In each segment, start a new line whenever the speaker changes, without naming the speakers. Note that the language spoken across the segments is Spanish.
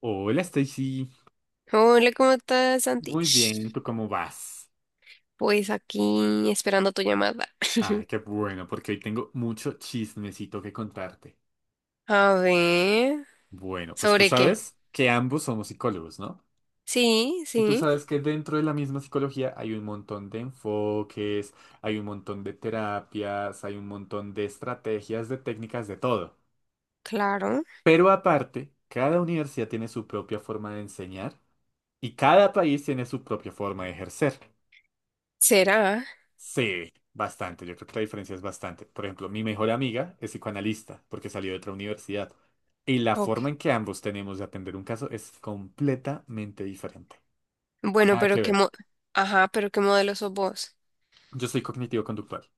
Hola Stacy,
Hola, ¿cómo estás, Santi?
muy bien, ¿tú cómo vas?
Pues aquí esperando tu llamada.
Ay, qué bueno, porque hoy tengo mucho chismecito que contarte.
A ver,
Bueno, pues tú
¿sobre qué?
sabes que ambos somos psicólogos, ¿no?
Sí,
Y tú
sí,
sabes que dentro de la misma psicología hay un montón de enfoques, hay un montón de terapias, hay un montón de estrategias, de técnicas, de todo.
claro.
Pero aparte, cada universidad tiene su propia forma de enseñar y cada país tiene su propia forma de ejercer.
¿Será?
Sí, bastante. Yo creo que la diferencia es bastante. Por ejemplo, mi mejor amiga es psicoanalista porque salió de otra universidad. Y la forma
Ok.
en que ambos tenemos de atender un caso es completamente diferente.
Bueno,
Nada
pero
que ver.
ajá, pero ¿qué modelo sos vos?
Yo soy cognitivo-conductual.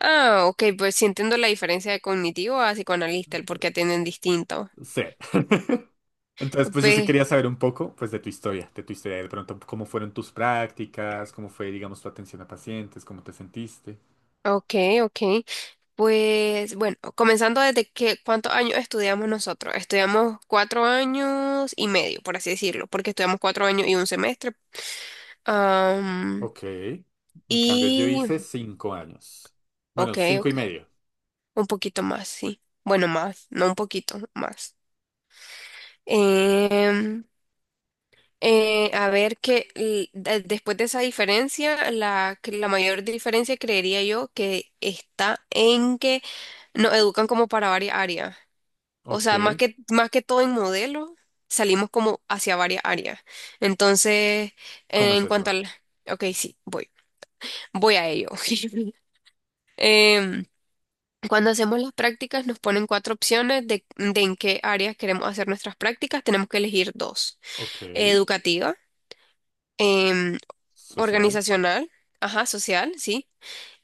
Ah, ok, pues sí entiendo la diferencia de cognitivo a psicoanalista, el por qué atienden distinto.
Sí. Entonces, pues yo sí
Pe-
quería saber un poco, pues, de tu historia, de pronto, cómo fueron tus prácticas, cómo fue, digamos, tu atención a pacientes, cómo te sentiste.
ok, ok. Pues bueno, comenzando ¿cuántos años estudiamos nosotros? Estudiamos cuatro años y medio, por así decirlo, porque estudiamos cuatro años y un semestre. Am,
Ok. En cambio, yo hice
y,
5 años. Bueno,
ok,
cinco y
ok,
medio.
un poquito más, sí. Bueno, más, no un poquito más. Em, a ver después de esa diferencia, que la mayor diferencia creería yo que está en que nos educan como para varias áreas. O sea,
Ok.
más que todo en modelo, salimos como hacia varias áreas. Entonces,
¿Cómo es
en cuanto
eso?
al... Ok, sí, voy. Voy a ello. Em, cuando hacemos las prácticas nos ponen cuatro opciones de en qué áreas queremos hacer nuestras prácticas. Tenemos que elegir dos.
Ok.
Educativa, em,
Social,
organizacional, ajá, social, sí,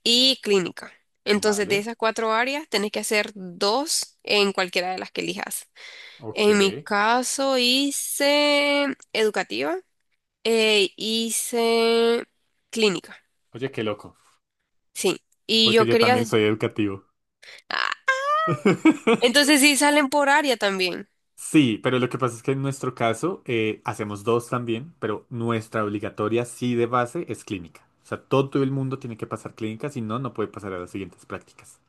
y clínica. Entonces, de
vale,
esas cuatro áreas, tenés que hacer dos en cualquiera de las que elijas.
ok.
En mi caso, hice educativa, hice clínica,
Oye, qué loco,
sí. Y
porque
yo
yo también
quería...
soy educativo.
Ah, entonces, sí, salen por área también.
Sí, pero lo que pasa es que en nuestro caso hacemos dos también, pero nuestra obligatoria sí de base es clínica. O sea, todo el mundo tiene que pasar clínica, si no, no puede pasar a las siguientes prácticas.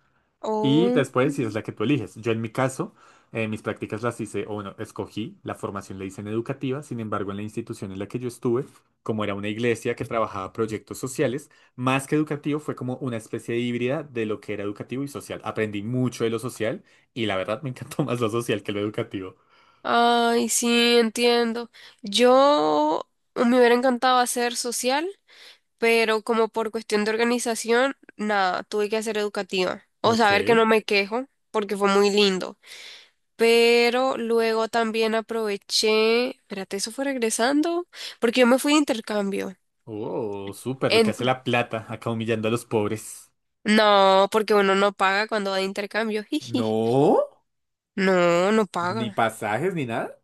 Y
Oh.
después, si es la que tú eliges. Yo en mi caso, mis prácticas las hice, o bueno, escogí, la formación la hice en educativa, sin embargo, en la institución en la que yo estuve, como era una iglesia que trabajaba proyectos sociales, más que educativo, fue como una especie de híbrida de lo que era educativo y social. Aprendí mucho de lo social y la verdad me encantó más lo social que lo educativo.
Ay, sí, entiendo. Yo me hubiera encantado hacer social, pero como por cuestión de organización, nada, tuve que hacer educativa. O
Ok.
saber que no me quejo, porque fue muy lindo. Pero luego también aproveché, espérate, eso fue regresando, porque yo me fui de intercambio.
Oh, súper, lo que
En-
hace la plata, acá humillando a los pobres.
No, porque uno no paga cuando va de intercambio. Jiji.
No,
No, no
ni
paga.
pasajes ni nada.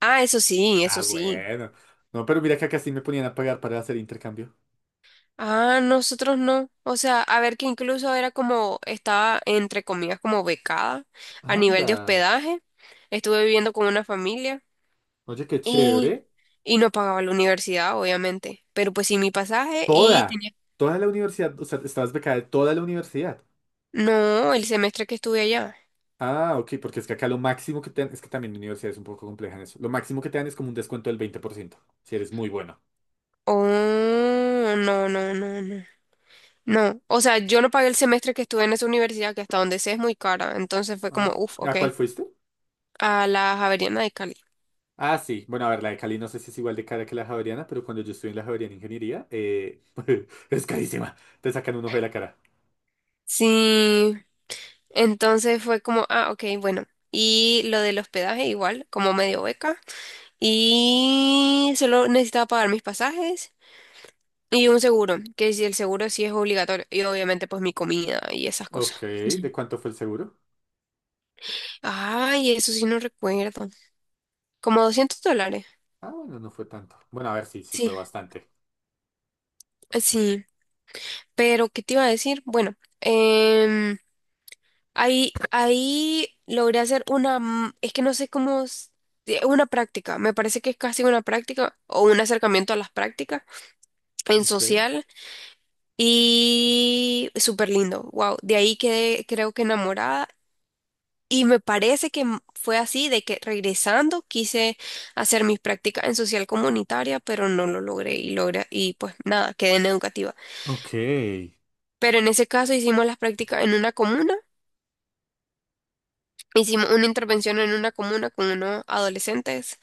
Ah, eso sí,
Ah,
eso sí.
bueno. No, pero mira que acá sí me ponían a pagar para hacer intercambio.
Ah, nosotros no. O sea, a ver que incluso era como, estaba entre comillas como becada a nivel de
Anda.
hospedaje. Estuve viviendo con una familia
Oye, qué
y,
chévere.
y no pagaba la universidad, obviamente. Pero pues sí mi pasaje y
Toda,
tenía...
toda la universidad, o sea, estabas becada de toda la universidad.
No, el semestre que estuve allá.
Ah, ok, porque es que acá lo máximo que te dan, es que también mi universidad es un poco compleja en eso. Lo máximo que te dan es como un descuento del 20% si eres muy bueno.
Oh, no, no, no, no. No, o sea, yo no pagué el semestre que estuve en esa universidad, que hasta donde sé es muy cara. Entonces fue como,
Ah,
uff,
¿a
ok.
cuál fuiste?
A la Javeriana de Cali.
Ah, sí. Bueno, a ver, la de Cali no sé si es igual de cara que la Javeriana, pero cuando yo estuve en la Javeriana Ingeniería, es carísima. Te sacan un ojo de la cara.
Sí, entonces fue como, ah, ok, bueno. Y lo del hospedaje igual, como medio beca. Y solo necesitaba pagar mis pasajes y un seguro, que si el seguro sí es obligatorio. Y obviamente pues mi comida y esas cosas.
Ok, ¿de
Ujú.
cuánto fue el seguro?
Ay, eso sí no recuerdo. Como $200.
Ah, bueno, no fue tanto. Bueno, a ver, sí, sí fue
Sí,
bastante.
sí. Pero, ¿qué te iba a decir? Bueno, ahí logré hacer una, es que no sé cómo, una práctica, me parece que es casi una práctica o un acercamiento a las prácticas en
Ok.
social y súper lindo, wow, de ahí quedé creo que enamorada y me parece que fue así, de que regresando quise hacer mis prácticas en social comunitaria, pero no lo logré y pues nada, quedé en educativa.
Ok. ¿Qué
Pero en ese caso hicimos las prácticas en una comuna, hicimos una intervención en una comuna con unos adolescentes.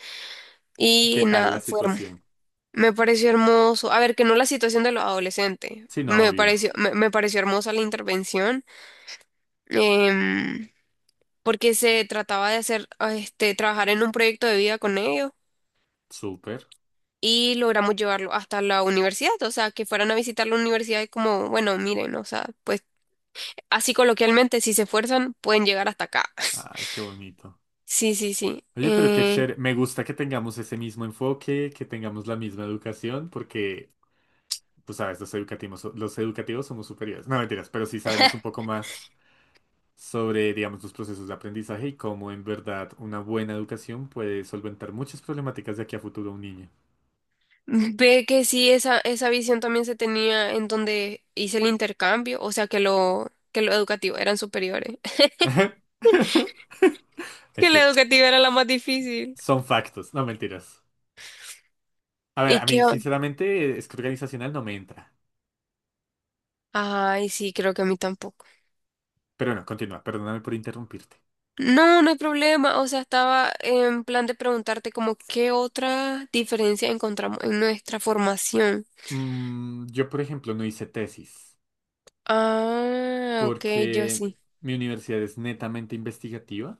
Y
tal la
nada, fue hermoso.
situación?
Me pareció hermoso. A ver, que no la situación de los adolescentes.
Sí, no,
Me
obvio.
pareció, me pareció hermosa la intervención. em, porque se trataba de hacer, ah, este, trabajar en un proyecto de vida con ellos.
Súper.
Y logramos llevarlo hasta la universidad. O sea, que fueran a visitar la universidad y como, bueno, miren, o sea, pues así coloquialmente, si se esfuerzan, pueden llegar hasta acá.
Ay, qué bonito.
Sí, sí, sí.
Oye, pero qué chévere. Me gusta que tengamos ese mismo enfoque, que tengamos la misma educación, porque, pues, sabes, los educativos somos superiores. No, mentiras, pero sí sabemos un poco más sobre, digamos, los procesos de aprendizaje y cómo en verdad una buena educación puede solventar muchas problemáticas de aquí a futuro a un niño.
Ve que sí, esa visión también se tenía en donde hice el intercambio, o sea que lo educativo eran superiores,
Es
que la
que
educativa era la más difícil.
son factos, no mentiras. A ver,
¿Y
a mí
qué?
sinceramente es que organizacional no me entra.
Ay, sí, creo que a mí tampoco.
Pero no, continúa, perdóname por interrumpirte.
No, no hay problema, o sea, estaba en plan de preguntarte como qué otra diferencia encontramos en nuestra formación.
Yo, por ejemplo, no hice tesis
Ah, ok, yo
porque
sí.
mi universidad es netamente investigativa.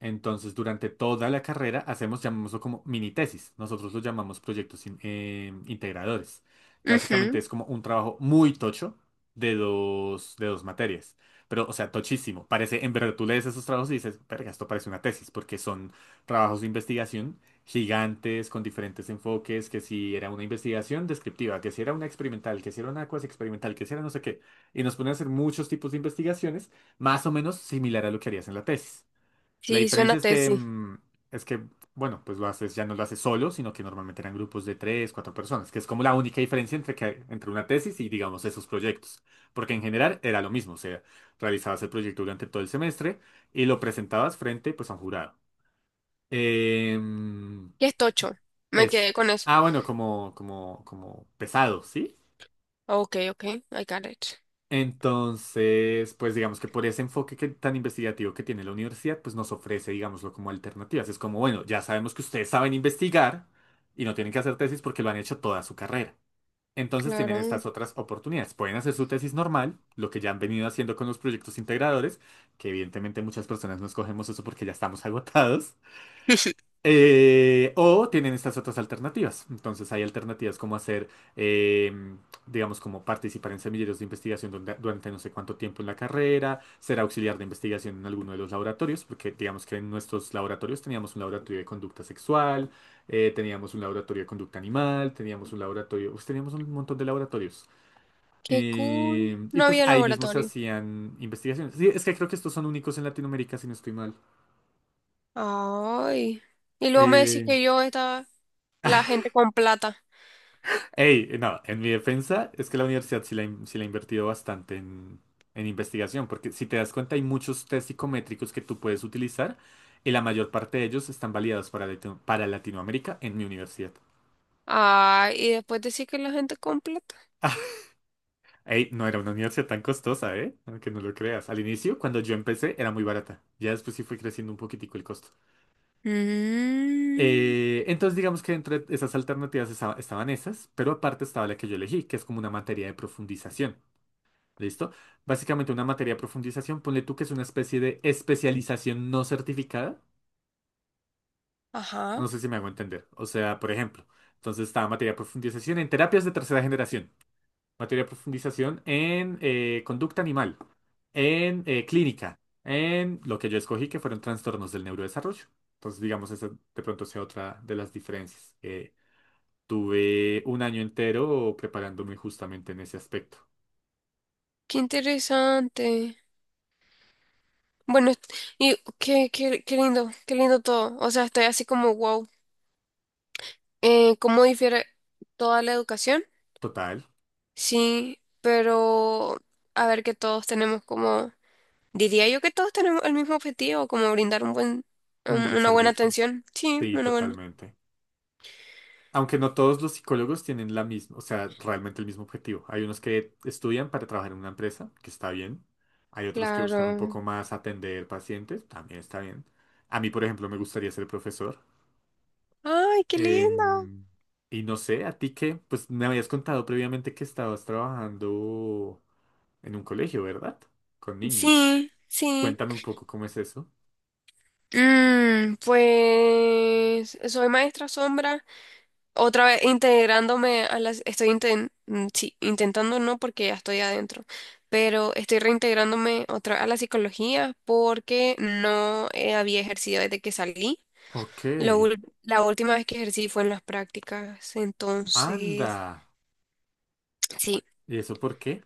Entonces, durante toda la carrera hacemos, llamémoslo como mini tesis. Nosotros lo llamamos proyectos integradores, que básicamente
Ujú,
es como un trabajo muy tocho de dos materias. Pero, o sea, tochísimo. Parece, en verdad, tú lees esos trabajos y dices, verga, esto parece una tesis, porque son trabajos de investigación gigantes, con diferentes enfoques, que si era una investigación descriptiva, que si era una experimental, que si era una cuasi experimental, que si era no sé qué. Y nos ponen a hacer muchos tipos de investigaciones, más o menos similar a lo que harías en la tesis. La
sí, suena
diferencia es que,
tesis.
es que, bueno, pues lo haces, ya no lo haces solo, sino que normalmente eran grupos de tres, cuatro personas, que es como la única diferencia entre una tesis y, digamos, esos proyectos. Porque en general era lo mismo, o sea, realizabas el proyecto durante todo el semestre y lo presentabas frente, pues, a un jurado. Em,
¿Qué es tocho? Me
es,
quedé con eso.
ah, bueno, como pesado, ¿sí?
Ok, I got it.
Entonces, pues digamos que por ese enfoque tan investigativo que tiene la universidad, pues nos ofrece, digámoslo, como alternativas. Es como, bueno, ya sabemos que ustedes saben investigar y no tienen que hacer tesis porque lo han hecho toda su carrera. Entonces tienen
Claro.
estas otras oportunidades. Pueden hacer su tesis normal, lo que ya han venido haciendo con los proyectos integradores, que evidentemente muchas personas no escogemos eso porque ya estamos agotados. O tienen estas otras alternativas. Entonces hay alternativas como hacer, em, digamos, como participar en semilleros de investigación durante no sé cuánto tiempo en la carrera, ser auxiliar de investigación en alguno de los laboratorios, porque digamos que en nuestros laboratorios teníamos un laboratorio de conducta sexual, teníamos un laboratorio de conducta animal, teníamos un laboratorio, pues, teníamos un montón de laboratorios.
Qué cool.
Y
No
pues
había
ahí mismo se
laboratorio.
hacían investigaciones. Sí, es que creo que estos son únicos en Latinoamérica, si no estoy mal.
Ay. Y luego me decís
Eh,
que yo estaba la gente con plata.
Ey, no, en mi defensa es que la universidad sí la ha invertido bastante en investigación, porque si te das cuenta hay muchos test psicométricos que tú puedes utilizar y la mayor parte de ellos están validados para Latinoamérica en mi universidad.
Ay, y después decís que la gente con plata.
Ey, no era una universidad tan costosa, ¿eh? Aunque no lo creas. Al inicio, cuando yo empecé, era muy barata. Ya después sí fue creciendo un poquitico el costo.
Mm,
Entonces, digamos que entre esas alternativas estaban esas, pero aparte estaba la que yo elegí, que es como una materia de profundización. ¿Listo? Básicamente una materia de profundización, ponle tú que es una especie de especialización no certificada.
ajá.
No sé si me hago entender. O sea, por ejemplo, entonces estaba materia de profundización en terapias de tercera generación, materia de profundización en conducta animal, en clínica, en lo que yo escogí que fueron trastornos del neurodesarrollo. Entonces, digamos, esa de pronto sea otra de las diferencias. Tuve un año entero preparándome justamente en ese aspecto.
Qué interesante. Bueno, y qué lindo todo. O sea, estoy así como wow. ¿Cómo difiere toda la educación?
Total,
Sí, pero a ver que todos tenemos como diría yo que todos tenemos el mismo objetivo, como brindar un buen,
un buen
una buena
servicio.
atención. Sí,
Sí,
una buena.
totalmente. Aunque no todos los psicólogos tienen la misma, o sea, realmente el mismo objetivo. Hay unos que estudian para trabajar en una empresa, que está bien. Hay otros que buscan un
Claro.
poco más atender pacientes, también está bien. A mí, por ejemplo, me gustaría ser profesor.
Ay, qué lindo.
Em, y no sé, a ti que, pues me habías contado previamente que estabas trabajando en un colegio, ¿verdad? Con niños.
Sí, sí.
Cuéntame un poco cómo es eso.
Mm, pues soy maestra sombra, otra vez integrándome a las, sí, intentando no porque ya estoy adentro, pero estoy reintegrándome otra a la psicología porque no había ejercido desde que salí.
Ok,
La última vez que ejercí fue en las prácticas, entonces,
anda.
sí.
¿Y eso por qué?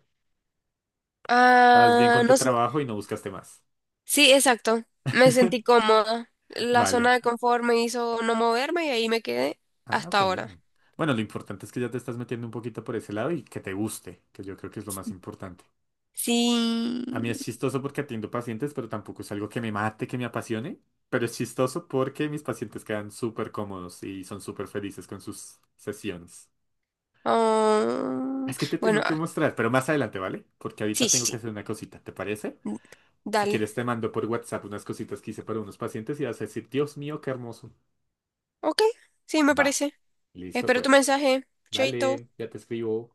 ¿Estás bien
Ah,
con tu
no sé.
trabajo y no buscaste más?
Sí, exacto. Me sentí cómoda. La zona
Vale.
de confort me hizo no moverme y ahí me quedé
Ah,
hasta ahora.
bueno. Bueno, lo importante es que ya te estás metiendo un poquito por ese lado y que te guste, que yo creo que es lo más importante.
Sí.
A mí es chistoso porque atiendo pacientes, pero tampoco es algo que me mate, que me apasione. Pero es chistoso porque mis pacientes quedan súper cómodos y son súper felices con sus sesiones.
Ah,
Es que te
bueno,
tengo que
ah,
mostrar, pero más adelante, ¿vale? Porque ahorita
sí,
tengo que
sí.
hacer una cosita, ¿te parece?
Sí.
Si
Dale.
quieres te mando por WhatsApp unas cositas que hice para unos pacientes y vas a decir, Dios mío, qué hermoso.
Ok, sí, me
Va,
parece.
listo
Espero tu
pues.
mensaje. Chaito.
Dale, ya te escribo.